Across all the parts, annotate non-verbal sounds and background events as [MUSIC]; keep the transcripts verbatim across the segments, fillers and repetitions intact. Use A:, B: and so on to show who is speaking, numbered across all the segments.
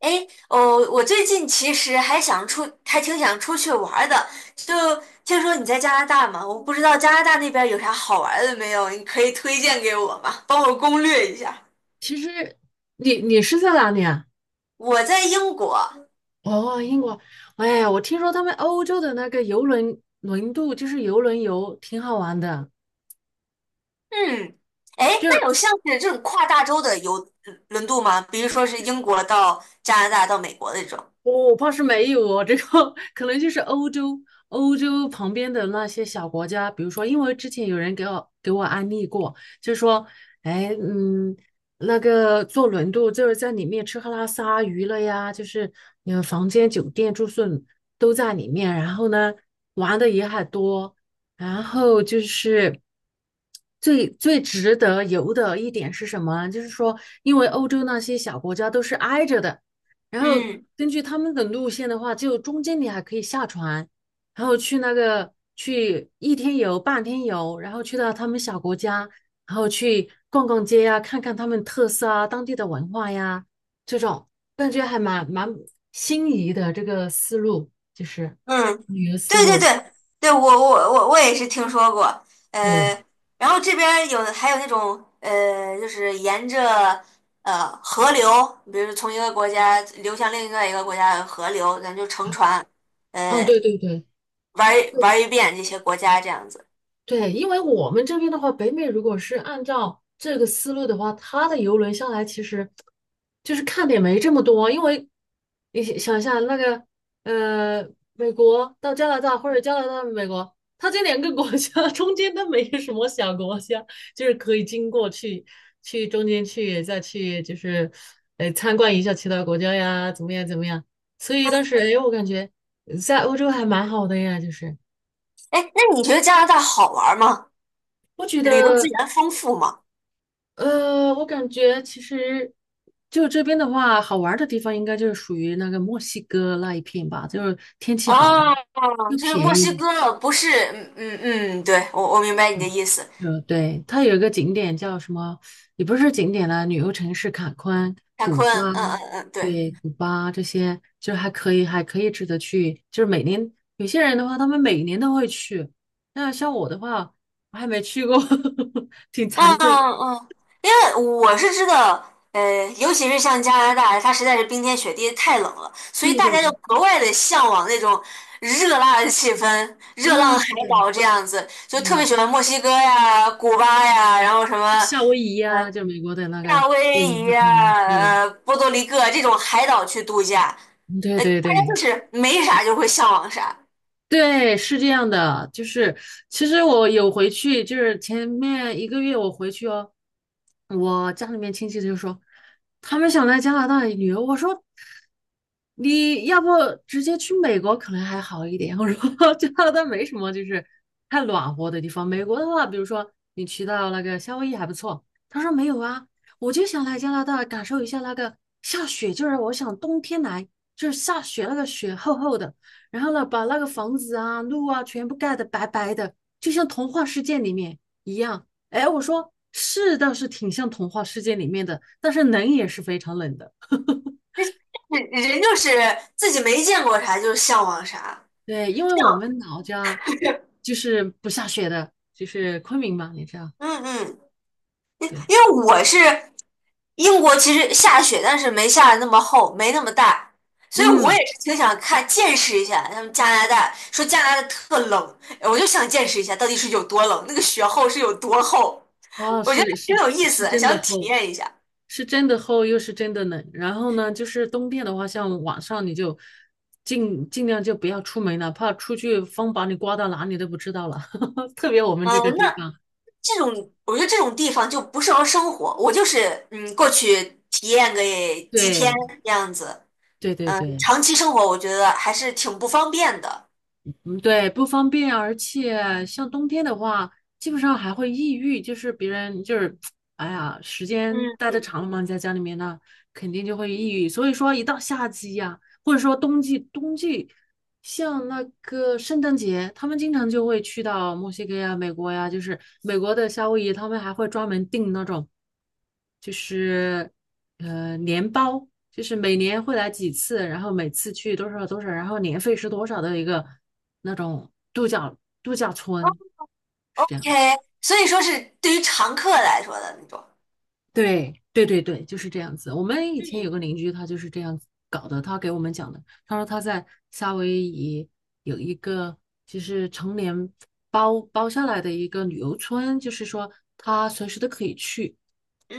A: 哎，哦，我最近其实还想出，还挺想出去玩儿的。就听说你在加拿大嘛，我不知道加拿大那边有啥好玩儿的没有，你可以推荐给我吗？帮我攻略一下。
B: 其实你你是在哪里啊？
A: 我在英国，
B: 哦，英国。哎，我听说他们欧洲的那个游轮轮渡，就是游轮游，挺好玩的。
A: 嗯，哎，
B: 就是
A: 那有像是这种跨大洲的游轮渡吗？比如说是英国到加拿大到美国的这种。
B: 我怕是没有哦，这个 [LAUGHS] 可能就是欧洲，欧洲旁边的那些小国家，比如说，因为之前有人给我给我安利过，就说，哎，嗯，那个坐轮渡就是在里面吃喝拉撒娱乐呀，就是你们房间、酒店、住宿都在里面，然后呢，玩的也很多，然后就是。最最值得游的一点是什么呢？就是说，因为欧洲那些小国家都是挨着的，然后
A: 嗯。
B: 根据他们的路线的话，就中间你还可以下船，然后去那个去一天游、半天游，然后去到他们小国家，然后去逛逛街呀、看看他们特色啊、当地的文化呀，这种感觉还蛮蛮心仪的这个思路，就是
A: 嗯，
B: 旅游思
A: 对对
B: 路。
A: 对对，我我我我也是听说过，呃，
B: 对，
A: 然后这边儿有还有那种呃，就是沿着呃河流，比如说从一个国家流向另外一个国家的河流，咱就乘船，
B: 嗯，
A: 呃，
B: 对对对。
A: 玩儿玩儿一遍这些国家这样子。
B: 对，因为我们这边的话，北美如果是按照这个思路的话，它的游轮下来其实就是看点没这么多，因为你想想一下那个呃，美国到加拿大或者加拿大到美国，它这两个国家 [LAUGHS] 中间都没有什么小国家，就是可以经过去去中间去再去就是呃参观一下其他国家呀，怎么样怎么样？所以当时哎，我感觉在欧洲还蛮好的呀，就是
A: 哎，那你觉得加拿大好玩儿吗？
B: 我觉
A: 旅游资
B: 得。
A: 源丰富吗？
B: 呃，我感觉其实就这边的话，好玩儿的地方应该就是属于那个墨西哥那一片吧，就是天气好啊
A: 哦，
B: 又
A: 就是墨
B: 便
A: 西
B: 宜。
A: 哥，不是，嗯嗯嗯，对，我我明白你的意思。
B: 呃，对，它有一个景点叫什么，也不是景点啦，旅游城市坎昆、
A: 坎
B: 古
A: 昆，
B: 巴，
A: 嗯嗯嗯，对。
B: 对，古巴这些就是还可以，还可以值得去。就是每年有些人的话，他们每年都会去，那像我的话，我还没去过，[LAUGHS] 挺惭
A: 嗯
B: 愧的。
A: 嗯，因为我是知道，呃，尤其是像加拿大，它实在是冰天雪地太冷了，所以
B: 对
A: 大
B: 对
A: 家就
B: 对，
A: 格外的向往那种热辣的气氛，热
B: 啊，
A: 浪海
B: 是的，
A: 岛这样子，就特别
B: 对。
A: 喜欢墨西哥呀、古巴呀，然后什么
B: 是夏威夷
A: 呃
B: 呀、就美国的那个，
A: 夏威
B: 对，
A: 夷
B: 它可
A: 呀、
B: 以，对，
A: 呃波多黎各这种海岛去度假，
B: 嗯对
A: 呃，大
B: 对
A: 家就
B: 对，
A: 是没啥就会向往啥，
B: 对，是这样的，就是其实我有回去，就是前面一个月我回去哦，我家里面亲戚就说他们想来加拿大旅游，我说你要不直接去美国可能还好一点，我说 [LAUGHS] 加拿大没什么就是太暖和的地方，美国的话，比如说你去到那个夏威夷还不错，他说没有啊，我就想来加拿大感受一下那个下雪，就是我想冬天来，就是下雪那个雪厚厚的。然后呢，把那个房子啊、路啊全部盖得白白的，就像童话世界里面一样。哎，我说是倒是挺像童话世界里面的，但是冷也是非常冷的。[LAUGHS]
A: 人人就是自己没见过啥就向往啥，
B: 对，因为我
A: 像
B: 们老家
A: [LAUGHS]
B: 就是不下雪的，就是昆明嘛，你知道？
A: 嗯嗯。
B: 对，
A: 因为我是英国，其实下雪，但是没下的那么厚，没那么大，所以我
B: 嗯，
A: 也是挺想看见识一下他们加拿大。说加拿大特冷，我就想见识一下到底是有多冷，那个雪厚是有多厚。
B: 哦，
A: 我觉得
B: 是
A: 挺
B: 是
A: 有意
B: 是
A: 思，
B: 真的
A: 想体
B: 厚。
A: 验一下。
B: 是真的厚又是真的冷。然后呢，就是冬天的话，像晚上你就尽尽量就不要出门了，怕出去风把你刮到哪里都不知道了。[LAUGHS] 特别我们这
A: 嗯，
B: 个
A: 那
B: 地方，
A: 这种我觉得这种地方就不适合生活，我就是嗯过去体验个几天
B: 对
A: 这样子，
B: 对对对，
A: 长期生活我觉得还是挺不方便的。
B: 嗯对，不方便，而且像冬天的话，基本上还会抑郁，就是别人就是 [TSK]。哎呀，时间
A: 嗯
B: 待的
A: 嗯。
B: 长了嘛，在家里面呢，肯定就会抑郁。所以说，一到夏季呀、或者说冬季，冬季像那个圣诞节，他们经常就会去到墨西哥呀、美国呀，就是美国的夏威夷，他们还会专门订那种，就是呃年包，就是每年会来几次，然后每次去多少多少，然后年费是多少的一个那种度假度假村，是这
A: OK，
B: 样。
A: 所以说是对于常客来说的那种。
B: 对对对对，就是这样子。我们以前有
A: 嗯，
B: 个邻居，他就是这样子搞的。他给我们讲的，他说他在夏威夷有一个就是成年包包下来的一个旅游村，就是说他随时都可以去，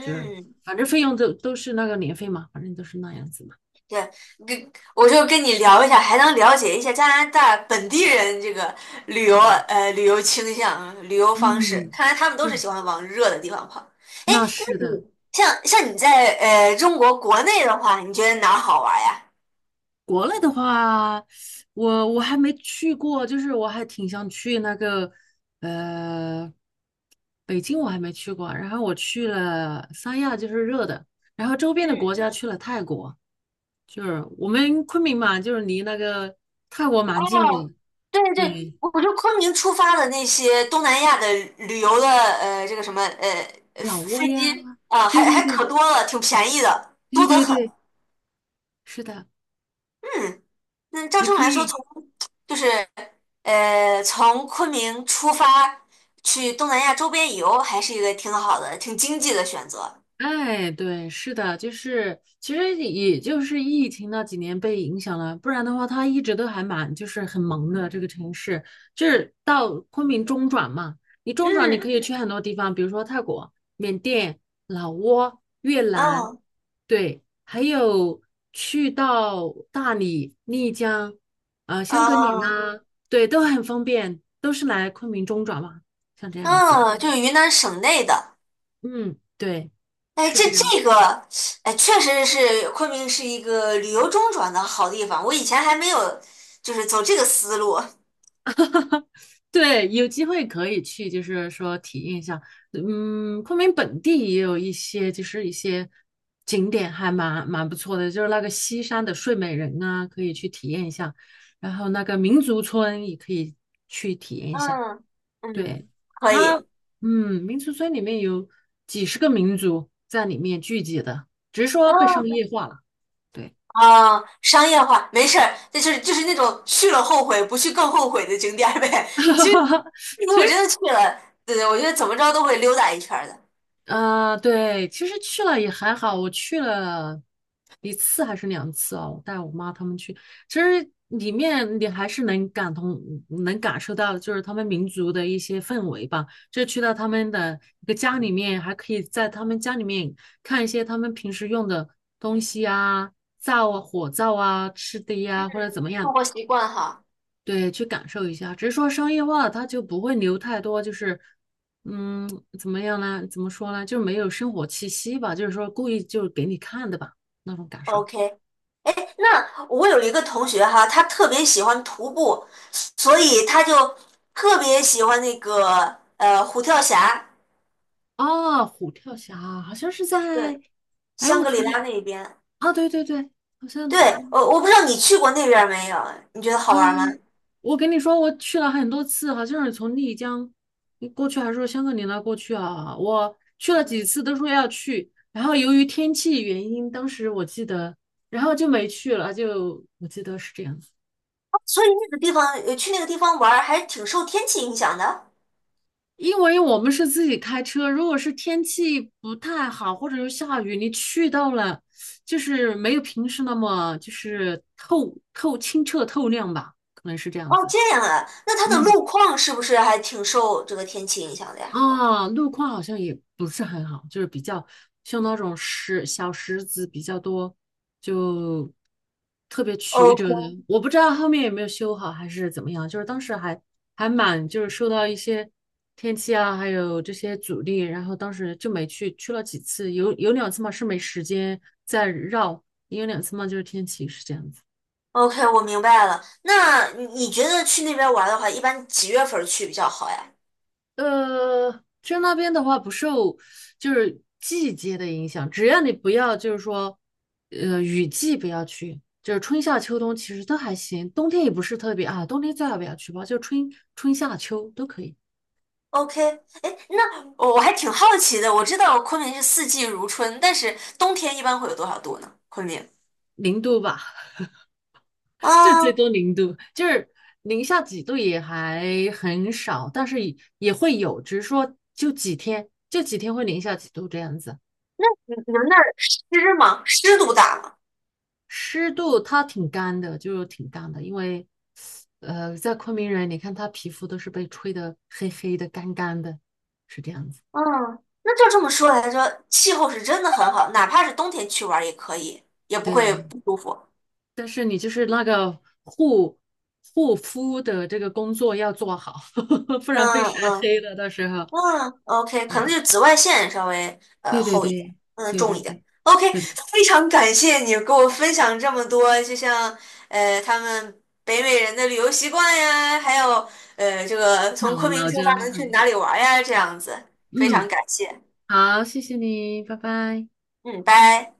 B: 就是反正费用都都是那个年费嘛，反正都是那样子嘛。
A: 对，跟我就跟你聊一下，还能了解一下加拿大本地人这个旅游
B: 对，
A: 呃旅游倾向、旅游方式。
B: 嗯，
A: 看来他们都是
B: 对，
A: 喜欢往热的地方跑。哎，
B: 那是
A: 那你
B: 的。
A: 像像你在呃中国国内的话，你觉得哪儿好玩呀？
B: 国内的话，我我还没去过，就是我还挺想去那个呃北京，我还没去过。然后我去了三亚，就是热的，然后周边的国
A: 嗯。
B: 家去了泰国，就是我们昆明嘛，就是离那个泰国蛮近
A: 哦，
B: 的，
A: 对对，
B: 对，
A: 我就昆明出发的那些东南亚的旅游的，呃，这个什么，呃，呃
B: 老挝
A: 飞机，
B: 呀，
A: 啊、
B: 对
A: 还
B: 对
A: 还可
B: 对
A: 多了，挺便宜的，
B: 对
A: 多得
B: 对对，
A: 很。
B: 是的，
A: 嗯，那照
B: 你
A: 这么
B: 可
A: 来说，从
B: 以。
A: 就是呃，从昆明出发去东南亚周边游，还是一个挺好的、挺经济的选择。
B: 哎，对，是的，就是其实也就是疫情那几年被影响了，不然的话，它一直都还蛮就是很萌的这个城市，就是到昆明中转嘛，你中转你
A: 嗯，
B: 可以去很多地方，比如说泰国、缅甸、老挝、越南，
A: 嗯
B: 对，还有去到大理、丽江、呃香格里
A: 嗯
B: 拉，对，都很方便，都是来昆明中转嘛，像这样子，
A: 嗯，就是云南省内的。
B: 嗯，对，
A: 哎，
B: 是
A: 这
B: 这样。
A: 这个，哎，确实是昆明是一个旅游中转的好地方。我以前还没有，就是走这个思路。
B: 对，有机会可以去，就是说体验一下。嗯，昆明本地也有一些，就是一些景点还蛮蛮不错的，就是那个西山的睡美人啊，可以去体验一下。然后那个民族村也可以去体验一下。
A: 嗯嗯，
B: 对，
A: 可
B: 它，
A: 以。
B: 嗯，民族村里面有几十个民族在里面聚集的，只是说
A: 嗯
B: 被商业化了。对，
A: 啊，商业化没事儿，那就是就是那种去了后悔，不去更后悔的景点儿呗。[LAUGHS] 其实
B: [LAUGHS]
A: 如果真的去了，对对，我觉得怎么着都会溜达一圈儿的。
B: 啊，对，其实去了也还好，我去了一次还是两次哦，我带我妈他们去，其实里面你还是能感同，能感受到就是他们民族的一些氛围吧。就去到他们的一个家里面，还可以在他们家里面看一些他们平时用的东西啊，灶啊、火灶啊、吃的呀，或者怎么样，
A: 生活习惯哈。
B: 对，去感受一下。只是说商业化，它就不会留太多，就是，嗯，怎么样呢？怎么说呢？就是没有生活气息吧，就是说故意就是给你看的吧，那种感受。
A: OK，哎，那我有一个同学哈，他特别喜欢徒步，所以他就特别喜欢那个呃虎跳峡，
B: 哦，虎跳峡好像是
A: 对，
B: 在，哎，
A: 香
B: 我
A: 格里
B: 突然，
A: 拉那边。
B: 啊，对对对，好像，
A: 对，我我不知道你去过那边儿没有？你觉得好玩吗？
B: 嗯，我跟你说，我去了很多次，好像是从丽江过去，还是说香格里拉过去啊？我去了几次，都说要去，然后由于天气原因，当时我记得，然后就没去了，就我记得是这样子。
A: 哦所以那个地方，呃，去那个地方玩儿还挺受天气影响的。
B: 因为我们是自己开车，如果是天气不太好，或者是下雨，你去到了，就是没有平时那么就是透透清澈透亮吧，可能是这样
A: 哦，
B: 子。
A: 这样啊，那它的
B: 嗯，
A: 路况是不是还挺受这个天气影响的呀
B: 啊，路况好像也不是很好，就是比较像那种石小石子比较多，就特别曲
A: ？OK
B: 折的。我不知道后面有没有修好还是怎么样，就是当时还还蛮就是受到一些天气啊，还有这些阻力，然后当时就没去，去了几次，有有两次嘛是没时间再绕，也有两次嘛就是天气是这样子。
A: OK，我明白了。那你你觉得去那边玩儿的话，一般几月份儿去比较好呀？
B: 呃，去那边的话不受就是季节的影响，只要你不要就是说，呃，雨季不要去，就是春夏秋冬其实都还行，冬天也不是特别啊，冬天最好不要去吧，就春春夏秋都可以，
A: OK，哎，那我我还挺好奇的。我知道昆明是四季如春，但是冬天一般会有多少度呢？昆明
B: 零度吧，[LAUGHS] 就最
A: 啊，
B: 多零度，就是零下几度也还很少，但是也也会有，只是说就几天，就几天会零下几度这样子。
A: 你你们那儿湿吗？湿度大吗？
B: 湿度它挺干的，就是挺干的，因为呃，在昆明人，你看他皮肤都是被吹得黑黑的、干干的，是这样子。
A: 嗯，那就这么说来着，气候是真的很好，哪怕是冬天去玩儿也可以，也不会
B: 对，
A: 不舒服。
B: 但是你就是那个护护肤的这个工作要做好，[LAUGHS] 不然被
A: 嗯
B: 晒
A: 嗯。
B: 黑了。到时候，
A: 嗯，OK，可能就是紫外线稍微呃
B: 对对
A: 厚一点，
B: 对
A: 嗯，
B: 对
A: 重一
B: 对
A: 点。
B: 对，
A: OK，
B: 是的，
A: [LAUGHS] 非常感谢你给我分享这么多，就像呃他们北美人的旅游习惯呀，还有呃这个从
B: 那我
A: 昆明
B: 老
A: 出发
B: 家，
A: 能去哪里玩呀，这样子，非常
B: 嗯，
A: 感谢。
B: 好，谢谢你，拜拜。
A: 嗯，拜。